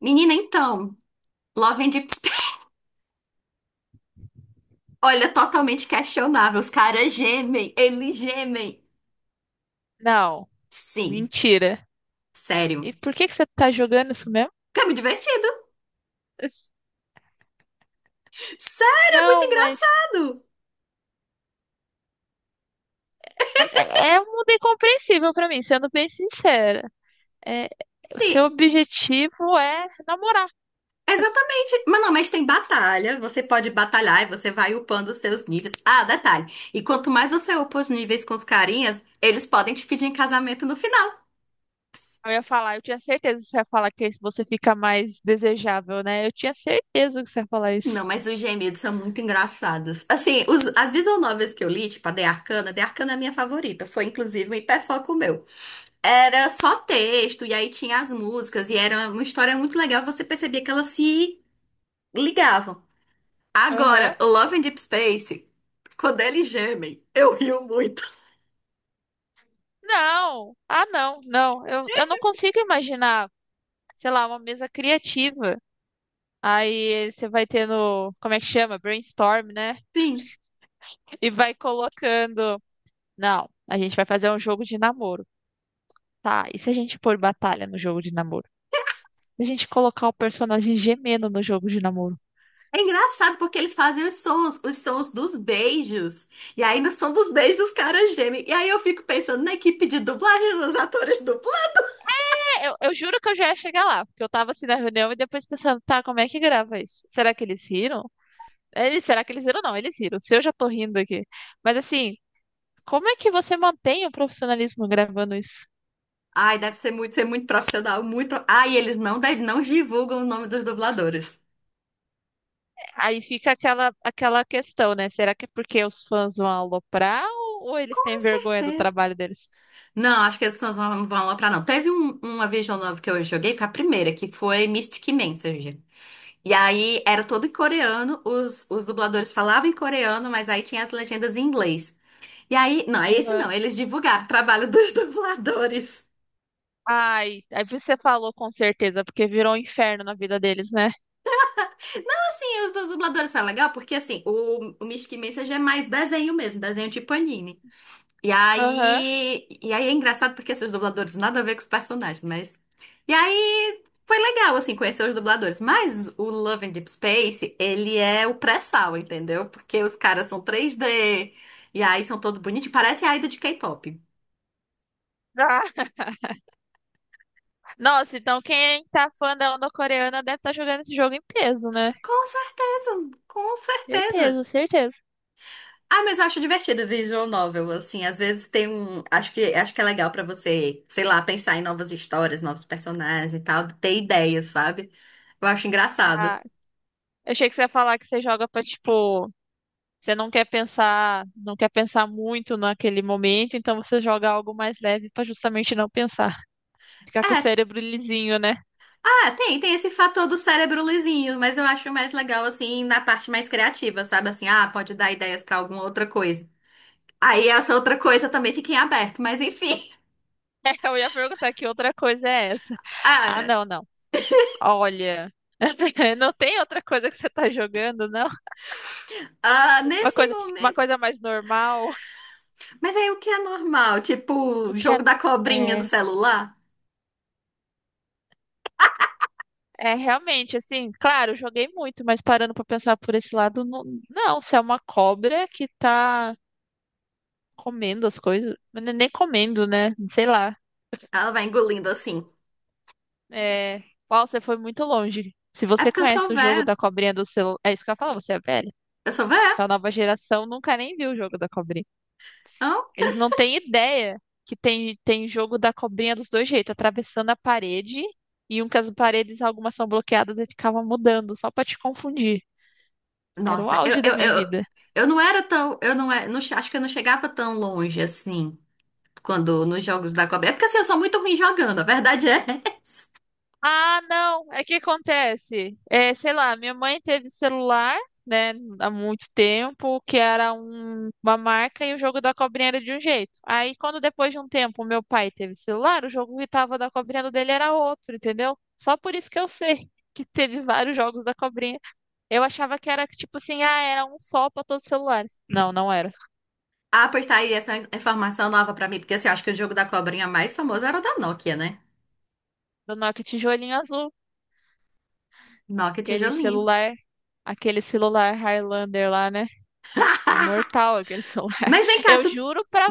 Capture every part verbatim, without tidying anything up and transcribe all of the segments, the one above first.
Menina, então, Love and Deep Space. Olha, totalmente questionável. Os caras gemem, eles gemem. Não, Sim, mentira. sério. E por que que você tá jogando isso mesmo? Porque é muito divertido. Sério, é muito Não, mas engraçado. é é um mundo incompreensível pra mim, sendo bem sincera. É, o Sim, seu objetivo é namorar. exatamente. Mas não, mas tem batalha. Você pode batalhar e você vai upando os seus níveis. Ah, detalhe. E quanto mais você upa os níveis com os carinhas, eles podem te pedir em casamento no final. Eu ia falar, eu tinha certeza que você ia falar que você fica mais desejável, né? Eu tinha certeza que você ia falar isso. Não, mas os gemidos são muito engraçados. Assim, os- as visual novels que eu li, tipo a The Arcana, The Arcana é a minha favorita. Foi inclusive um hiperfoco meu. Era só texto, e aí tinha as músicas, e era uma história muito legal, você percebia que elas se ligavam. Aham. Agora, Love and Deep Space, quando eles gemem, eu rio muito. Não. Ah, não, não. Eu, eu não consigo imaginar, sei lá, uma mesa criativa. Aí você vai tendo, como é que chama? Brainstorm, né? Sim. E vai colocando. Não, a gente vai fazer um jogo de namoro. Tá, e se a gente pôr batalha no jogo de namoro? Se a gente colocar o personagem gemendo no jogo de namoro? É engraçado porque eles fazem os sons, os sons dos beijos. E aí, no som dos beijos, os caras gemem. E aí eu fico pensando na equipe de dublagem, nos atores dublagem. É, eu, eu juro que eu já ia chegar lá, porque eu tava assim na reunião e depois pensando, tá, como é que grava isso? Será que eles riram? Eles, será que eles riram? Não, eles riram. Se eu já tô rindo aqui. Mas assim, como é que você mantém o profissionalismo gravando isso? Ai, deve ser muito, ser muito profissional, muito. pro- Ai, eles não, de- não divulgam o nome dos dubladores. Aí fica aquela, aquela questão, né? Será que é porque os fãs vão aloprar ou, ou eles Com têm vergonha do certeza. trabalho deles? Não, acho que eles não vão vão lá pra não. Teve um- uma Vision Novel que eu joguei, foi a primeira, que foi Mystic Messenger. E aí era todo em coreano, os, os dubladores falavam em coreano, mas aí tinha as legendas em inglês. E aí, não, é esse não, Aham. eles divulgaram o trabalho dos dubladores. Ai, aí você falou com certeza, porque virou um inferno na vida deles, né? Assim, os dos dubladores são legal, porque assim, o, o Mystic Messenger é mais desenho mesmo, desenho tipo anime. E Aham. aí, e aí é engraçado porque esses dubladores nada a ver com os personagens, mas. E aí foi legal, assim, conhecer os dubladores. Mas o Love in Deep Space, ele é o pré-sal, entendeu? Porque os caras são três D, e aí são todo bonitinho, parece a ida de K-pop. Ah. Nossa, então quem tá fã da onda coreana deve estar jogando esse jogo em peso, né? Com certeza, com certeza. Certeza, certeza. Ah, mas eu acho divertido visual novel, assim, às vezes tem um, acho que acho que é legal pra você, sei lá, pensar em novas histórias, novos personagens e tal, ter ideias, sabe? Eu acho engraçado. Ah, eu achei que você ia falar que você joga pra, tipo, você não quer pensar, não quer pensar muito naquele momento, então você joga algo mais leve pra justamente não pensar. Ficar com o É, cérebro lisinho, né? ah, tem, tem esse fator do cérebro lisinho, mas eu acho mais legal assim na parte mais criativa, sabe? Assim, ah, pode dar ideias pra alguma outra coisa. Aí essa outra coisa também fica em aberto, mas enfim. Eu ia perguntar que outra coisa é essa. Ah, Ah, não, não. Olha, não tem outra coisa que você tá jogando, não? ah, Uma nesse coisa, uma momento. coisa mais normal. Mas aí o que é normal? Tipo, O o que é, jogo da cobrinha do é, celular? é realmente assim, claro, eu joguei muito, mas parando pra pensar por esse lado, não, não, se é uma cobra que tá comendo as coisas, mas nem nem comendo, né? Sei lá. Ela vai engolindo assim. É, uau, você foi muito longe. Se É você porque eu sou conhece o jogo véia. da cobrinha do celular, é isso que eu ia falar, você é velha. Eu sou véia? Essa nova geração nunca nem viu o jogo da cobrinha. Hã? Eles não têm ideia que tem, tem jogo da cobrinha dos dois jeitos, atravessando a parede e um que as paredes, algumas são bloqueadas e ficava mudando, só pra te confundir. Era o Nossa, eu, auge da eu, minha eu, vida. eu não era tão. Eu não, é- não, che- acho que eu não chegava tão longe assim. Quando nos jogos da cobrinha. É porque assim, eu sou muito ruim jogando, a verdade é. Ah, não, é que acontece. É, sei lá, minha mãe teve celular, né, há muito tempo, que era um- uma marca e o jogo da cobrinha era de um jeito. Aí, quando depois de um tempo meu pai teve celular, o jogo que tava da cobrinha do dele era outro, entendeu? Só por isso que eu sei que teve vários jogos da cobrinha. Eu achava que era tipo assim, ah, era um só para todos os celulares. Não, não era. Ah, pois tá aí essa informação nova pra mim, porque assim, eu acho que o jogo da cobrinha mais famoso era o da Nokia, né? Do Nokia tijolinho azul, Nokia aquele tijolinho. celular, aquele celular Highlander lá, né? Imortal aquele celular. Mas vem cá, Eu tu. juro pra,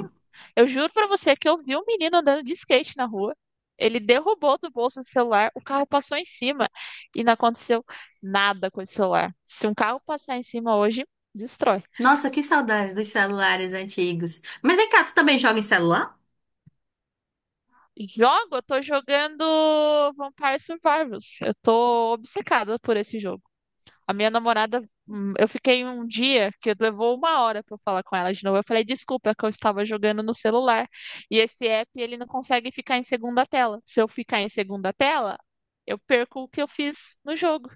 eu juro pra você que eu vi um menino andando de skate na rua. Ele derrubou do bolso o celular, o carro passou em cima e não aconteceu nada com esse celular. Se um carro passar em cima hoje, destrói. Nossa, que saudade dos celulares antigos. Mas vem cá, tu também joga em celular? Jogo, eu tô jogando Vampire Survivors. Eu tô obcecada por esse jogo. A minha namorada, hum, eu fiquei um dia que levou uma hora para eu falar com ela de novo. Eu falei, desculpa, é que eu estava jogando no celular. E esse app, ele não consegue ficar em segunda tela. Se eu ficar em segunda tela, eu perco o que eu fiz no jogo.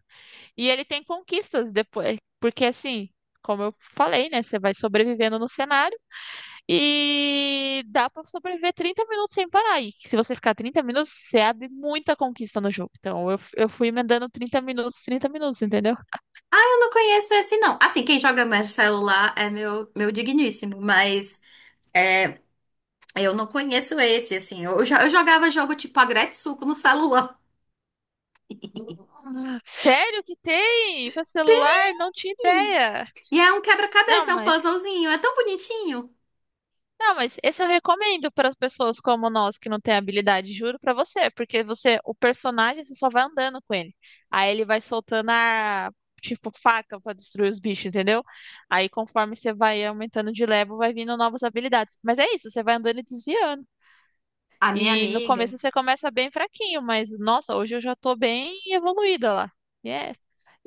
E ele tem conquistas depois, porque assim, como eu falei, né, você vai sobrevivendo no cenário e dá para sobreviver trinta minutos sem parar. E se você ficar trinta minutos, você abre muita conquista no jogo. Então eu, eu fui emendando trinta minutos, trinta minutos, entendeu? Ah, eu não conheço esse não. Assim, quem joga mais celular é meu, meu digníssimo, mas é, eu não conheço esse, assim. Eu, já, eu jogava jogo tipo Agretsuco no celular. Sério que tem para celular? Não tinha Hum. ideia. E é um Não, quebra-cabeça, é um mas puzzlezinho, é tão bonitinho. não, mas esse eu recomendo para as pessoas como nós que não tem habilidade, juro para você, porque você, o personagem, você só vai andando com ele. Aí ele vai soltando a tipo faca para destruir os bichos, entendeu? Aí conforme você vai aumentando de level, vai vindo novas habilidades. Mas é isso, você vai andando e desviando. A minha E no amiga. começo você começa bem fraquinho, mas nossa, hoje eu já tô bem evoluída lá. E é-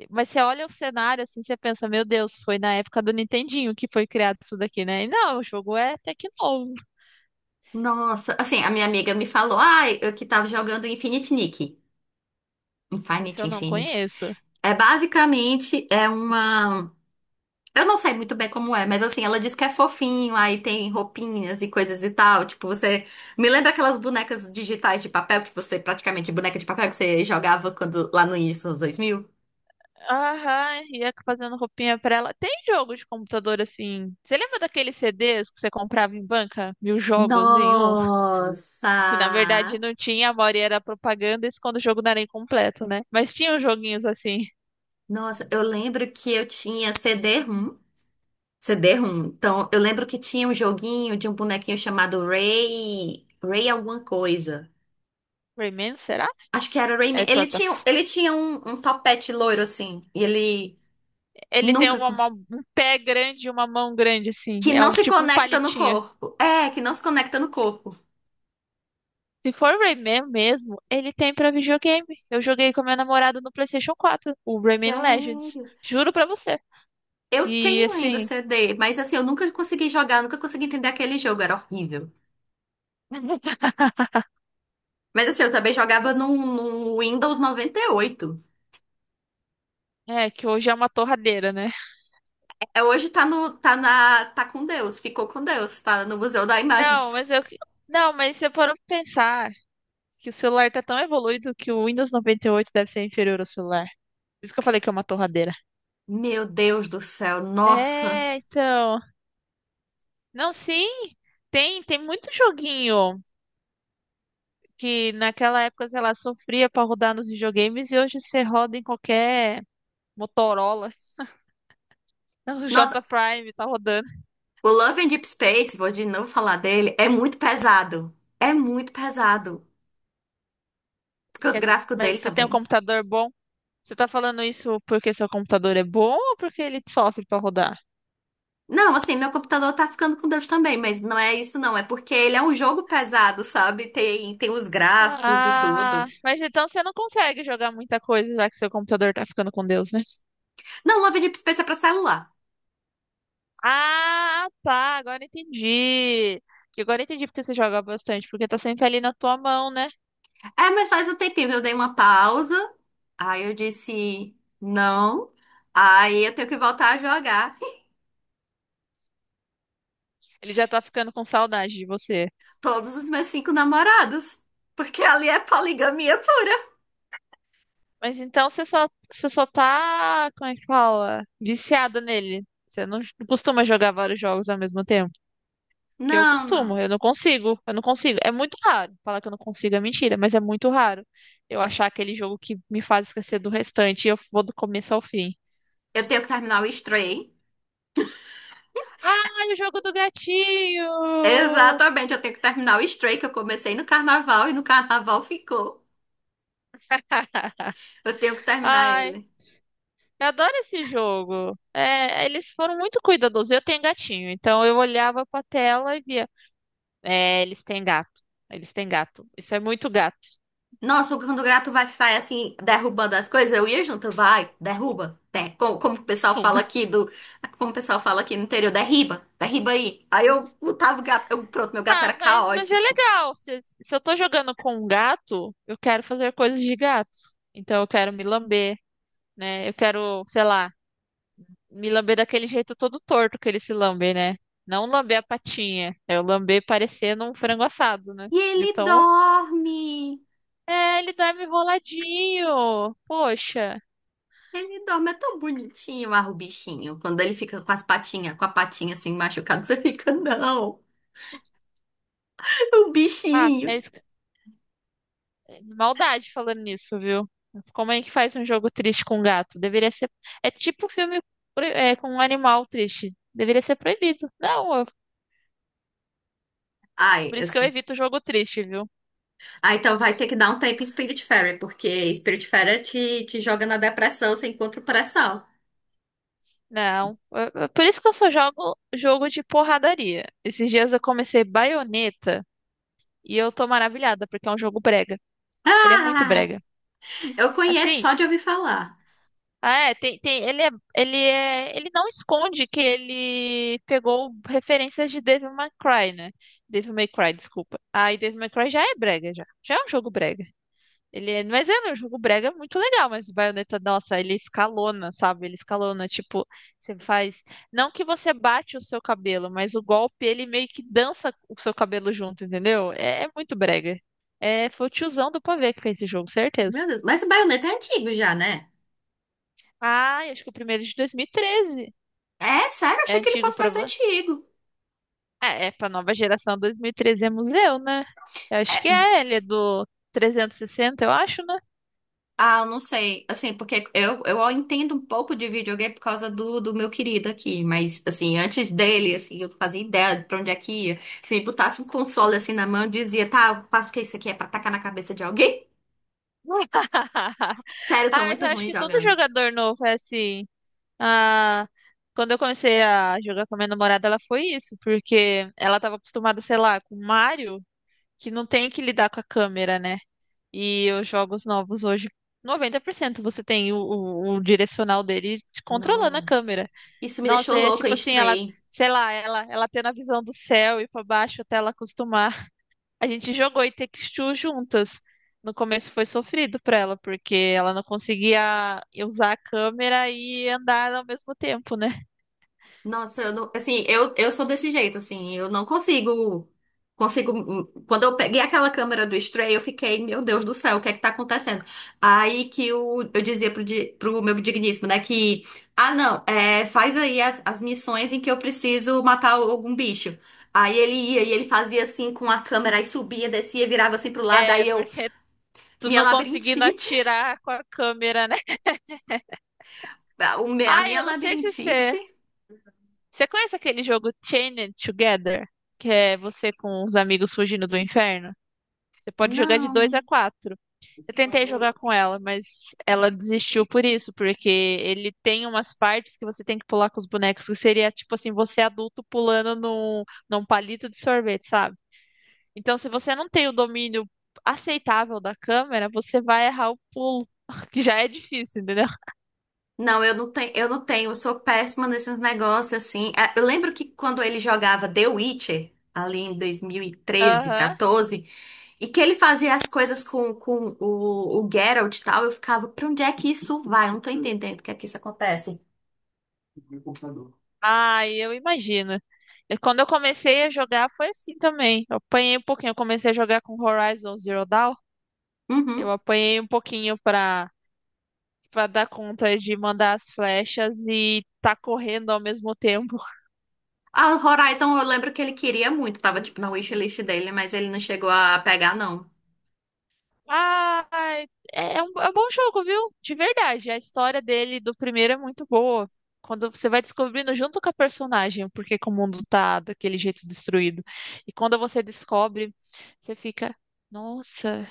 Mas você olha o cenário assim, você pensa, meu Deus, foi na época do Nintendinho que foi criado isso daqui, né? E não, o jogo é até que novo. Nossa, assim, a minha amiga me falou, ai, eu que tava jogando Infinite Nick. Esse Infinite, eu não Infinite. conheço. É basicamente, é uma. Eu não sei muito bem como é, mas assim, ela diz que é fofinho, aí tem roupinhas e coisas e tal. Tipo, você. Me lembra aquelas bonecas digitais de papel que você, praticamente, boneca de papel que você jogava quando lá no início dos anos dois mil. Aham, ia fazendo roupinha pra ela. Tem jogo de computador assim. Você lembra daqueles C Ds que você comprava em banca? Mil jogos em um? Nossa! Que na verdade não tinha, a maioria era propaganda, isso quando o jogo não era incompleto, né? Mas tinha uns joguinhos assim. Nossa, eu lembro que eu tinha CD-ROM. CD-ROM. Então, eu lembro que tinha um joguinho de um bonequinho chamado Ray. Ray alguma coisa. Rayman, será? Acho que era Rayman. É Ele tinha, plataforma. ele tinha um, um topete loiro assim. E ele Ele tem nunca uma, uma- conseguiu. um pé grande e uma mão grande, assim. Que É não um se tipo um conecta no palitinho. corpo. É, que não se conecta no corpo. Se for Rayman mesmo, ele tem pra videogame. Eu joguei com a minha namorada no PlayStation quatro, o Rayman Legends. Sério. Juro pra você. Eu E tenho ainda o assim, C D, mas assim, eu nunca consegui jogar, nunca consegui entender aquele jogo, era horrível. Mas assim, eu também jogava no, no Windows noventa e oito. é que hoje é uma torradeira, né? É, hoje tá no, tá na, tá com Deus, ficou com Deus, tá no Museu da Imagem do. Não, mas eu. Não, mas você parou pra pensar que o celular tá tão evoluído que o Windows noventa e oito deve ser inferior ao celular. Por isso que eu falei que é uma torradeira. Meu Deus do céu, nossa. É, então. Não, sim. Tem, tem muito joguinho. Que naquela época, sei lá, sofria para rodar nos videogames e hoje você roda em qualquer Motorola. O J Nossa, Prime tá rodando. o Love and Deep Space, vou de novo falar dele, é muito pesado. É muito Não- pesado. Porque os quer dizer, gráficos mas dele você tem um também. computador bom? Você tá falando isso porque seu computador é bom ou porque ele sofre para rodar? Não, assim, meu computador tá ficando com Deus também, mas não é isso não, é porque ele é um jogo pesado, sabe? Tem, tem os gráficos e Ah, tudo. mas então você não consegue jogar muita coisa já que seu computador tá ficando com Deus, né? Não, Love and Deep Space é pra celular. Ah, tá, agora entendi. Que Agora entendi porque você joga bastante, porque tá sempre ali na tua mão, né? É, mas faz um tempinho que eu dei uma pausa, aí eu disse não, aí eu tenho que voltar a jogar. Ele já tá ficando com saudade de você. Todos os meus cinco namorados. Porque ali é poligamia pura. Mas então você só, você só tá, como é que fala? Viciada nele. Você não não costuma jogar vários jogos ao mesmo tempo. Que eu Não, não. costumo, eu não consigo, eu não consigo. É muito raro. Falar que eu não consigo é mentira, mas é muito raro eu achar aquele jogo que me faz esquecer do restante e eu vou do começo ao fim. Eu tenho que terminar o Stray. Ai, o jogo do gatinho! Exatamente, eu tenho que terminar o Stray, que eu comecei no carnaval e no carnaval ficou. Eu tenho que terminar Ai, ele. eu adoro esse jogo. É, eles foram muito cuidadosos. Eu tenho gatinho, então eu olhava pra tela e via. É, eles têm gato. Eles têm gato. Isso é muito gato. Nossa, quando o gato vai sair assim, derrubando as coisas, eu ia junto, vai, derruba. Der, como, como o pessoal fala Derruba. aqui do. Como o pessoal fala aqui no interior, derriba, derriba aí. Aí eu botava o gato, eu, pronto, meu gato era Ah, mas, mas é caótico. legal. Se, se eu tô jogando com um gato, eu quero fazer coisas de gato. Então eu quero me lamber, né? Eu quero, sei lá, me lamber daquele jeito todo torto que ele se lambe, né? Não lamber a patinha. É o lamber parecendo um frango assado, né? E De ele tão. dorme. É, ele dorme enroladinho. Poxa. Ele dorme, é tão bonitinho, ah, o bichinho. Quando ele fica com as patinhas, com a patinha assim machucada, você fica, não, o Ah, bichinho. é isso. Maldade falando nisso, viu? Como é que faz um jogo triste com gato? Deveria ser. É tipo filme pro- é, com um animal triste. Deveria ser proibido. Não, eu- Ai, por isso que eu assim. evito jogo triste, viu? Ah, então vai ter que dar um tempo em Spirit Fairy, porque Spirit Fairy te, te, joga na depressão, você encontra o pré-sal. Não. eu- eu- Por isso que eu só jogo jogo de porradaria. Esses dias eu comecei Bayonetta e eu tô maravilhada, porque é um jogo brega. Ele é muito Ah, brega. eu conheço Assim, só de ouvir falar. é, tem, tem, ele é, ele é, ele não esconde que ele pegou referências de Devil May Cry, né? Devil May Cry, desculpa. Aí Devil May Cry já é brega, já. Já é um jogo brega. Ele é, mas é um jogo brega muito legal, mas o Bayonetta, nossa, ele escalona, sabe? Ele escalona, tipo, você faz, não que você bate o seu cabelo, mas o golpe, ele meio que dança o seu cabelo junto, entendeu? É, é muito brega. É, foi o tiozão do pavê que fez esse jogo, certeza. Meu Deus, mas o Bayonetta é antigo já, né? Ah, eu acho que o primeiro é de dois mil e treze. É, sério, É achei que ele antigo fosse pra. mais Vo- antigo. É, é pra nova geração dois mil e treze é museu, né? Eu acho que é, ele é do trezentos e sessenta, eu acho, né? Ah, eu não sei. Assim, porque eu, eu entendo um pouco de videogame por causa do, do meu querido aqui. Mas, assim, antes dele, assim, eu não fazia ideia de pra onde é que ia. Se me botasse um console assim na mão, eu dizia, tá, eu faço o que isso aqui é pra tacar na cabeça de alguém? Sério, eu Ah, sou mas muito eu acho ruim que todo jogando. jogador novo é assim. Ah, quando eu comecei a jogar com a minha namorada, ela foi isso, porque ela tava acostumada, sei lá, com Mario, que não tem que lidar com a câmera, né? E os jogos novos hoje, noventa por cento você tem o, o- o direcional dele te controlando a Nossa. câmera. Isso me Nossa, deixou é louca em tipo assim, ela, Stray. sei lá, ela, ela tendo a visão do céu e pra baixo até ela acostumar. A gente jogou Take-Two juntas. No começo foi sofrido pra ela, porque ela não conseguia usar a câmera e andar ao mesmo tempo, né? Nossa, eu não, assim, eu, eu sou desse jeito, assim, eu não consigo, consigo, hum, quando eu peguei aquela câmera do Stray, eu fiquei, meu Deus do céu, o que é que tá acontecendo? Aí que o, eu dizia pro, di- pro meu digníssimo, né, que, ah, não, é, faz aí as, as missões em que eu preciso matar algum bicho. Aí ele ia e ele fazia assim com a câmera, aí subia, descia, virava assim pro lado, É, aí eu, porque tu minha não conseguindo labirintite, atirar com a câmera, né? o me- a Ai, minha eu não sei se você. labirintite, Você conhece aquele jogo Chained Together? Que é você com os amigos fugindo do inferno? Você pode jogar de dois não. a quatro. Eu tentei jogar com ela, mas ela desistiu por isso, porque ele tem umas partes que você tem que pular com os bonecos, que seria tipo assim, você adulto pulando num, num palito de sorvete, sabe? Então, se você não tem o domínio aceitável da câmera, você vai errar o pulo, que já é difícil, entendeu? Não, eu não tenho, eu não tenho, eu sou péssima nesses negócios assim. Ah, eu lembro que quando ele jogava The Witcher, ali em dois mil e treze, Aham. quatorze, e treze, quatorze, e que ele fazia as coisas com, com o, o Geralt e tal, eu ficava, pra onde é que isso vai? Eu não tô entendendo o que é que isso acontece. Ah, eu imagino. E quando eu comecei a jogar, foi assim também. Eu apanhei um pouquinho. Eu comecei a jogar com Horizon Zero Dawn. Eu Uhum. apanhei um pouquinho pra pra dar conta de mandar as flechas e tá correndo ao mesmo tempo. A Horizon, eu lembro que ele queria muito, tava tipo na wishlist dele, mas ele não chegou a pegar, não. Ah, é, é um, é um bom jogo, viu? De verdade. A história dele do primeiro é muito boa. Quando você vai descobrindo junto com a personagem porque que o mundo tá daquele jeito destruído. E quando você descobre, você fica, nossa,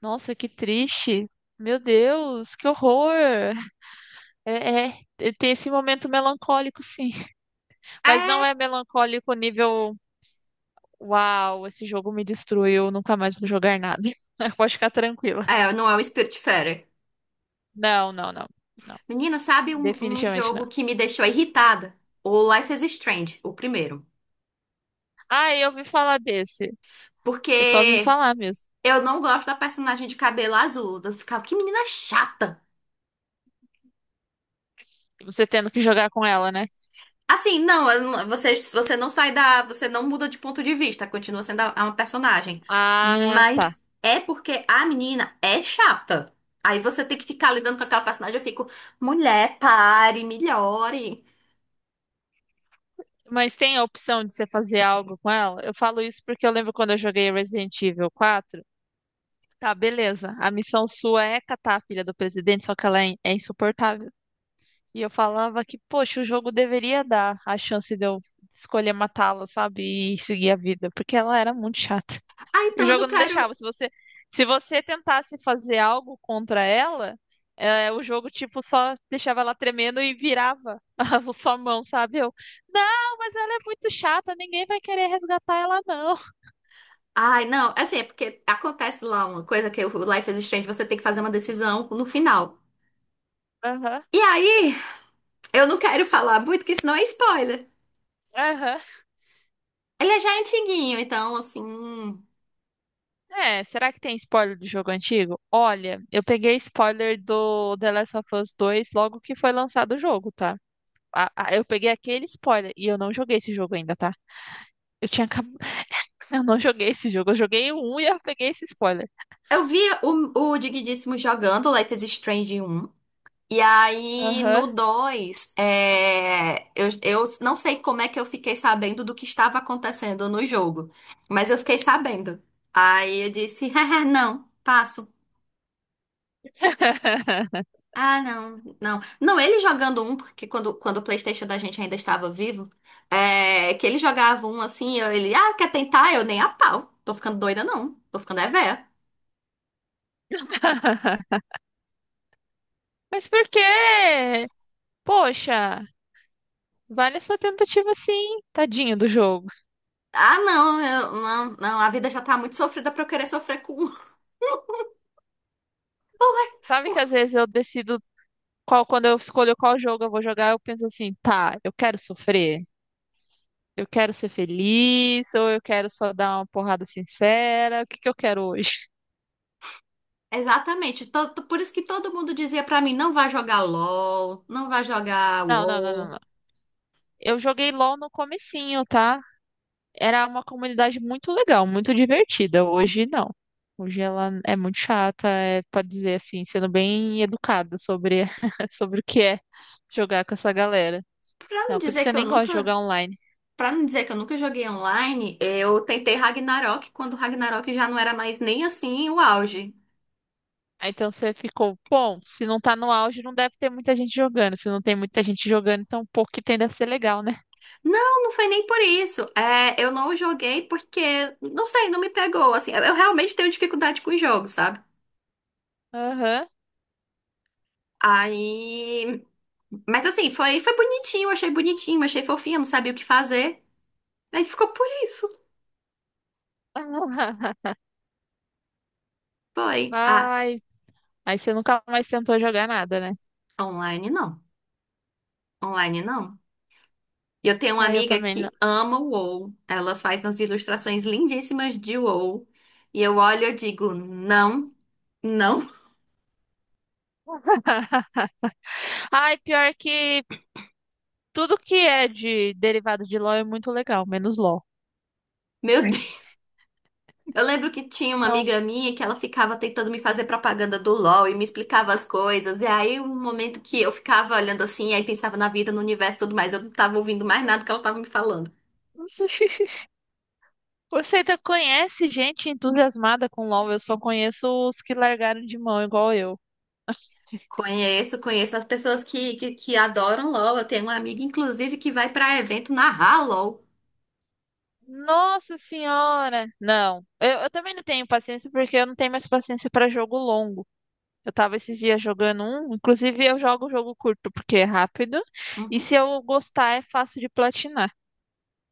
nossa, que triste. Meu Deus, que horror! É, é, tem esse momento melancólico, sim. Mas não É, é melancólico nível uau, esse jogo me destruiu, nunca mais vou jogar nada. Pode ficar tranquila. é, não é o Spiritfarer. Não, não, não, não. Menina, sabe um, um Definitivamente não. jogo que me deixou irritada? O Life is Strange, o primeiro. Ah, eu ouvi falar desse. Eu só ouvi Porque falar mesmo. eu não gosto da personagem de cabelo azul. Eu ficava, que menina chata. Você tendo que jogar com ela, né? Assim, não, eu não- você, você não sai da. Você não muda de ponto de vista, continua sendo a- uma personagem. Ah, tá. Mas é porque a menina é chata. Aí você tem que ficar lidando com aquela personagem. Eu fico, mulher, pare, melhore. Mas tem a opção de você fazer algo com ela? Eu falo isso porque eu lembro quando eu joguei Resident Evil quatro. Tá, beleza. A missão sua é catar a filha do presidente, só que ela é in- é insuportável. E eu falava que, poxa, o jogo deveria dar a chance de eu escolher matá-la, sabe? E seguir a vida, porque ela era muito chata. Ah, E o então eu não jogo não quero. deixava. Se você, se você tentasse fazer algo contra ela, eh, o jogo, tipo, só deixava ela tremendo e virava a sua mão, sabe? Eu, não, mas ela é muito chata, ninguém vai querer resgatar ela, não. Ai, não, assim, é porque acontece lá uma coisa que o Life is Strange, você tem que fazer uma decisão no final. Aham. E aí, eu não quero falar muito, porque senão é spoiler. Aham. Ele é já antiguinho, então, assim. É, será que tem spoiler do jogo antigo? Olha, eu peguei spoiler do The Last of Us dois logo que foi lançado o jogo, tá? a- a- eu peguei aquele spoiler e eu não joguei esse jogo ainda, tá? Eu tinha acab... Eu não joguei esse jogo. Eu joguei o um e eu peguei esse spoiler. Eu vi o, o Digníssimo jogando Life is Strange um. E aí, Aham. no dois é, eu, eu não sei como é que eu fiquei sabendo do que estava acontecendo no jogo, mas eu fiquei sabendo. Aí eu disse: ah, não, passo. Ah, não, não. Não, ele jogando um, porque quando, quando o PlayStation da gente ainda estava vivo, é, que ele jogava um assim, eu, ele, ah, quer tentar? Eu nem a pau. Tô ficando doida, não. Tô ficando é véia. Mas por quê? Poxa, vale a sua tentativa sim, tadinho do jogo. Ah, não, eu- não, não, a vida já tá muito sofrida pra eu querer sofrer com. Um. Sabe que às vezes eu decido qual, quando eu escolho qual jogo eu vou jogar, eu penso assim, tá, eu quero sofrer, eu quero ser feliz, ou eu quero só dar uma porrada sincera, o que que eu quero hoje? Exatamente, to- to- por isso que todo mundo dizia pra mim, não vai jogar LOL, não vai jogar Não, não, não, não, WoW. não. Eu joguei LOL no comecinho, tá? Era uma comunidade muito legal, muito divertida. Hoje não. Hoje ela é muito chata, é, pode dizer assim, sendo bem educada sobre, sobre o que é jogar com essa galera. Pra não Não, por isso dizer que eu que eu nem gosto de nunca, jogar online. para não dizer que eu nunca joguei online, eu tentei Ragnarok quando Ragnarok já não era mais nem assim o auge. Aí então você ficou, bom, se não tá no auge, não deve ter muita gente jogando. Se não tem muita gente jogando, então o pouco que tem deve ser legal, né? Não, não foi nem por isso. É, eu não joguei porque, não sei, não me pegou, assim. Eu realmente tenho dificuldade com jogos, sabe? Aham. Aí, mas assim, foi, foi bonitinho, achei bonitinho, achei fofinho, não sabia o que fazer. Aí ficou por isso. Foi. Ah, Ai. Aí você nunca mais tentou jogar nada, né? online não. Online não. E eu tenho uma Ai, eu amiga também não. que ama o WoW. Ela faz umas ilustrações lindíssimas de WoW. E eu olho e eu digo, não, não. Ai, pior que tudo que é de derivado de LOL é muito legal, menos LOL. Meu Deus. Eu lembro que tinha uma Então, amiga minha que ela ficava tentando me fazer propaganda do LoL e me explicava as coisas. E aí, um momento que eu ficava olhando assim, aí pensava na vida, no universo e tudo mais, eu não tava ouvindo mais nada que ela tava me falando. você ainda conhece gente entusiasmada com LOL? Eu só conheço os que largaram de mão, igual eu. Conheço, conheço as pessoas que, que, que adoram LOL. Eu tenho uma amiga, inclusive, que vai pra evento narrar LOL. Nossa senhora! Não, eu, eu também não tenho paciência porque eu não tenho mais paciência para jogo longo. Eu tava esses dias jogando um, inclusive eu jogo jogo curto porque é rápido e Uhum. se eu gostar é fácil de platinar.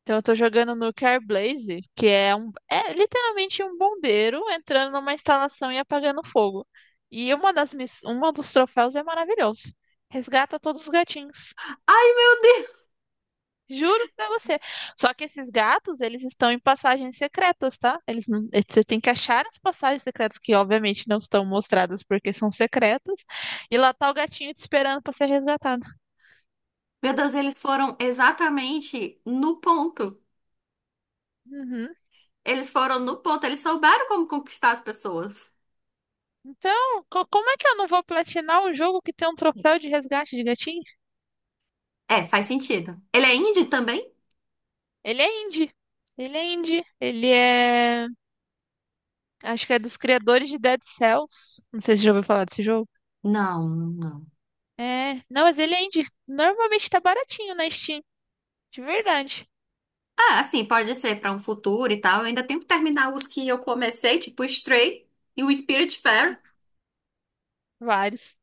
Então eu tô jogando no Carblaze, que é um é literalmente um bombeiro entrando numa instalação e apagando fogo. E uma das miss... uma dos troféus é maravilhoso. Resgata todos os gatinhos. Ai, meu Deus! Juro pra você. Só que esses gatos, eles estão em passagens secretas, tá? Eles não... eh, Você tem que achar as passagens secretas, que obviamente não estão mostradas porque são secretas. E lá tá o gatinho te esperando pra ser resgatado. Meu Deus, eles foram exatamente no ponto. Uhum. Eles foram no ponto, eles souberam como conquistar as pessoas. Então, co- como é que eu não vou platinar um jogo que tem um troféu de resgate de gatinho? É, faz sentido. Ele é indie também? Ele é indie. Ele é indie. Ele é. Acho que é dos criadores de Dead Cells. Não sei se você já ouviu falar desse jogo. Não, não. É. Não, mas ele é indie. Normalmente tá baratinho na Steam. De verdade. Ah, assim, pode ser pra um futuro e tal. Eu ainda tenho que terminar os que eu comecei, tipo Stray e o Spiritfarer. Vários.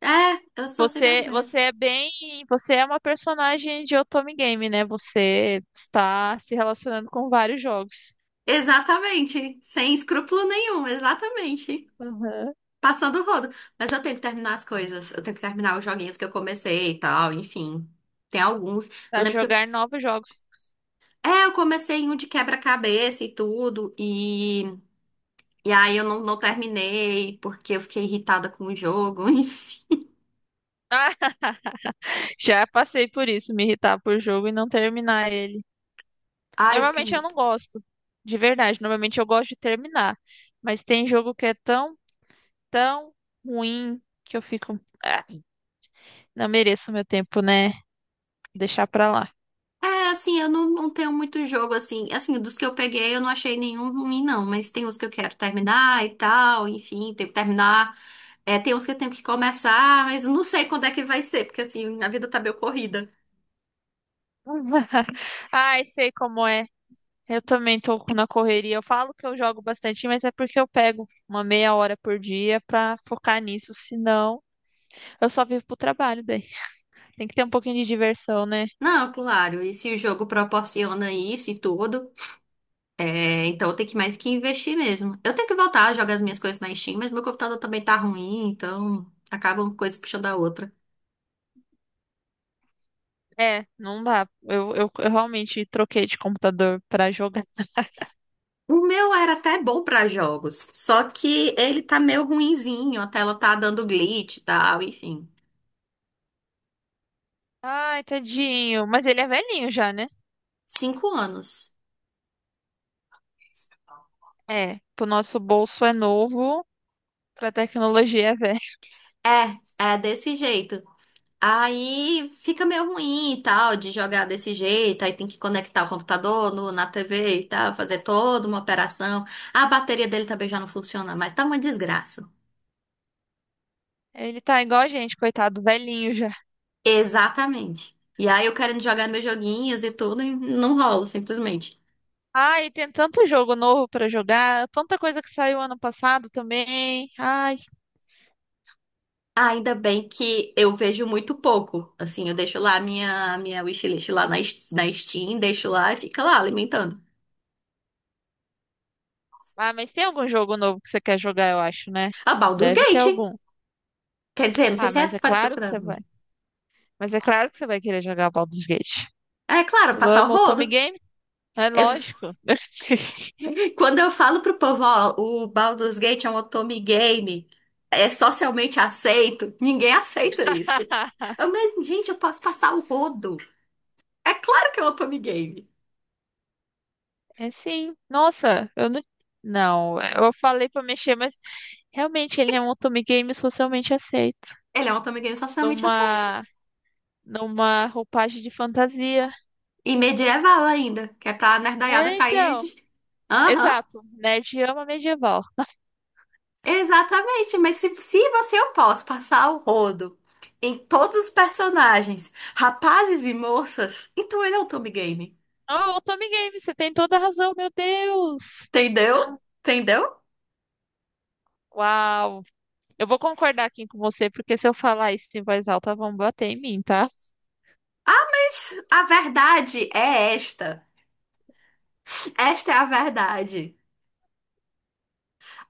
É, eu sou sem Você, vergonha. você é bem. Você é uma personagem de Otome Game, né? Você está se relacionando com vários jogos. Exatamente, sem escrúpulo nenhum, exatamente. Uhum. Passando o rodo. Mas eu tenho que terminar as coisas. Eu tenho que terminar os joguinhos que eu comecei e tal, enfim. Tem alguns. Eu A lembro que eu... jogar novos jogos. É, eu comecei em um de quebra-cabeça e tudo. E... E aí eu não, não terminei, porque eu fiquei irritada com o jogo. Enfim. Já passei por isso, me irritar por jogo e não terminar ele. Ai, eu fiquei Normalmente eu muito... não gosto, de verdade. Normalmente eu gosto de terminar. Mas tem jogo que é tão, tão ruim que eu fico. "Ah, não mereço meu tempo, né? Deixar pra lá. É, assim, eu não, não tenho muito jogo, assim. Assim, dos que eu peguei, eu não achei nenhum ruim, não. Mas tem uns que eu quero terminar e tal, enfim. Tenho que terminar. É, tem uns que eu tenho que começar, mas eu não sei quando é que vai ser. Porque, assim, a vida tá meio corrida. Ai, sei como é. Eu também tô na correria. Eu falo que eu jogo bastante, mas é porque eu pego uma meia hora por dia pra focar nisso. Senão, eu só vivo pro trabalho daí. Tem que ter um pouquinho de diversão, né? Não, claro, e se o jogo proporciona isso e tudo, é, então tem que mais que investir mesmo. Eu tenho que voltar a jogar as minhas coisas na Steam, mas meu computador também tá ruim, então acaba uma coisa puxando a outra. É, não dá. Eu, eu, eu realmente troquei de computador pra jogar. O meu era até bom pra jogos, só que ele tá meio ruinzinho, a tela tá dando glitch e tal, enfim. Ai, tadinho. Mas ele é velhinho já, né? Cinco anos. É, pro nosso bolso é novo, pra tecnologia é velho. É, é desse jeito. Aí fica meio ruim e tal de jogar desse jeito, aí tem que conectar o computador no- na T V e tal, fazer toda uma operação. A bateria dele também já não funciona mais, tá uma desgraça. Ele tá igual a gente, coitado, velhinho já. Exatamente. E aí eu querendo jogar meus joguinhos e tudo, e não rola, simplesmente. Ai, tem tanto jogo novo pra jogar, tanta coisa que saiu ano passado também. Ai, Ainda bem que eu vejo muito pouco. Assim, eu deixo lá a minha, a minha wishlist lá na, S- na Steam, deixo lá e fica lá alimentando. ah, mas tem algum jogo novo que você quer jogar, eu acho, né? A Baldur's Deve ter Gate. algum. Quer dizer, não sei Ah, se é. mas é Pode ser que claro que você eu. vai. Mas é claro que você vai querer jogar Baldur's Gate. É claro, Tu passar o ama o Tommy rodo. Game? É lógico. Quando eu falo pro povo, ó, o Baldur's Gate é um otome game, é socialmente aceito, ninguém aceita isso. Eu, mas, gente, eu posso passar o rodo. É claro que é um otome game. É sim. Nossa, eu não. Não, eu falei pra mexer, mas realmente ele é um Otome Games socialmente aceito. Ele é um otome game socialmente aceito. Numa, numa roupagem de fantasia. E medieval ainda, que é pra nerdaiada É, cair de... então. Aham, Exato. Nerd ama medieval. exatamente. Mas se, se você eu posso passar o rodo em todos os personagens, rapazes e moças, então ele é um otome game. Oh, Otome Games, você tem toda a razão, meu Deus. Entendeu? Entendeu? Uau. Eu vou concordar aqui com você, porque se eu falar isso em voz alta, vão bater em mim, tá? A verdade é esta. Esta é a verdade.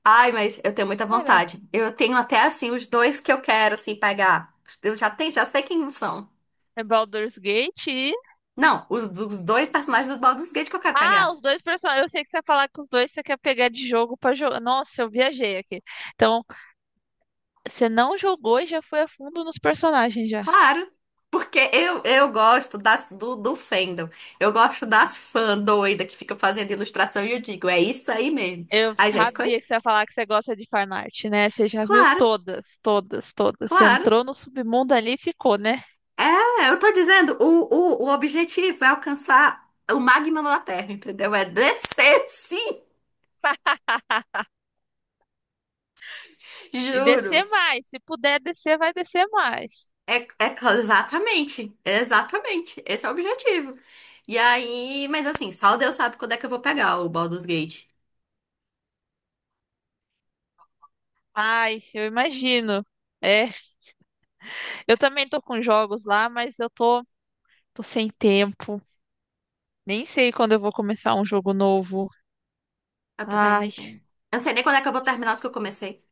Ai, mas eu tenho muita Cara, vontade. Eu tenho até assim os dois que eu quero assim pegar. Eu já tenho, já sei quem são. é Baldur's Gate. Não, os, dos dois personagens do Baldur's Gate que eu quero Ah, pegar. os dois personagens. Eu sei que você ia falar que os dois você quer pegar de jogo pra jogar. Nossa, eu viajei aqui. Então, você não jogou e já foi a fundo nos personagens já. Claro, porque eu eu gosto das do, do fandom. Eu gosto das fãs doida que ficam fazendo ilustração e eu digo, é isso aí mesmo. Eu Aí já escolhi? sabia que você ia falar que você gosta de fanart, né? Você já viu Claro, todas, todas, todas. Você claro. entrou no submundo ali e ficou, né? É, eu tô dizendo, o, o, o objetivo é alcançar o magma da Terra, entendeu? É descer, sim, E descer juro. mais. Se puder descer, vai descer mais. É, é cla- exatamente, exatamente. Esse é o objetivo. E aí, mas assim, só Deus sabe quando é que eu vou pegar o Baldur's Gate. Ai, eu imagino. É, eu também tô com jogos lá, mas eu tô, tô sem tempo. Nem sei quando eu vou começar um jogo novo. Eu também não Ai. sei. Eu não sei nem quando é que eu vou terminar os que eu comecei.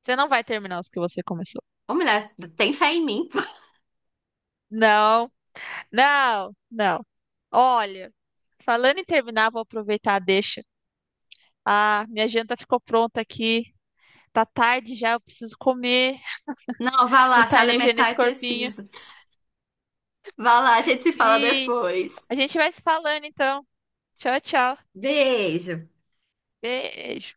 Você não vai terminar os que você começou. Ô, mulher, tem fé em mim. Não, não, não. Olha, falando em terminar, vou aproveitar deixa. Ah, minha janta ficou pronta aqui. Tá tarde já, eu preciso comer, Não, vá lá, se botar energia alimentar é nesse corpinho. preciso. Vá lá, a gente se fala Sim, depois. a gente vai se falando então. Tchau, tchau. Beijo. Beijo.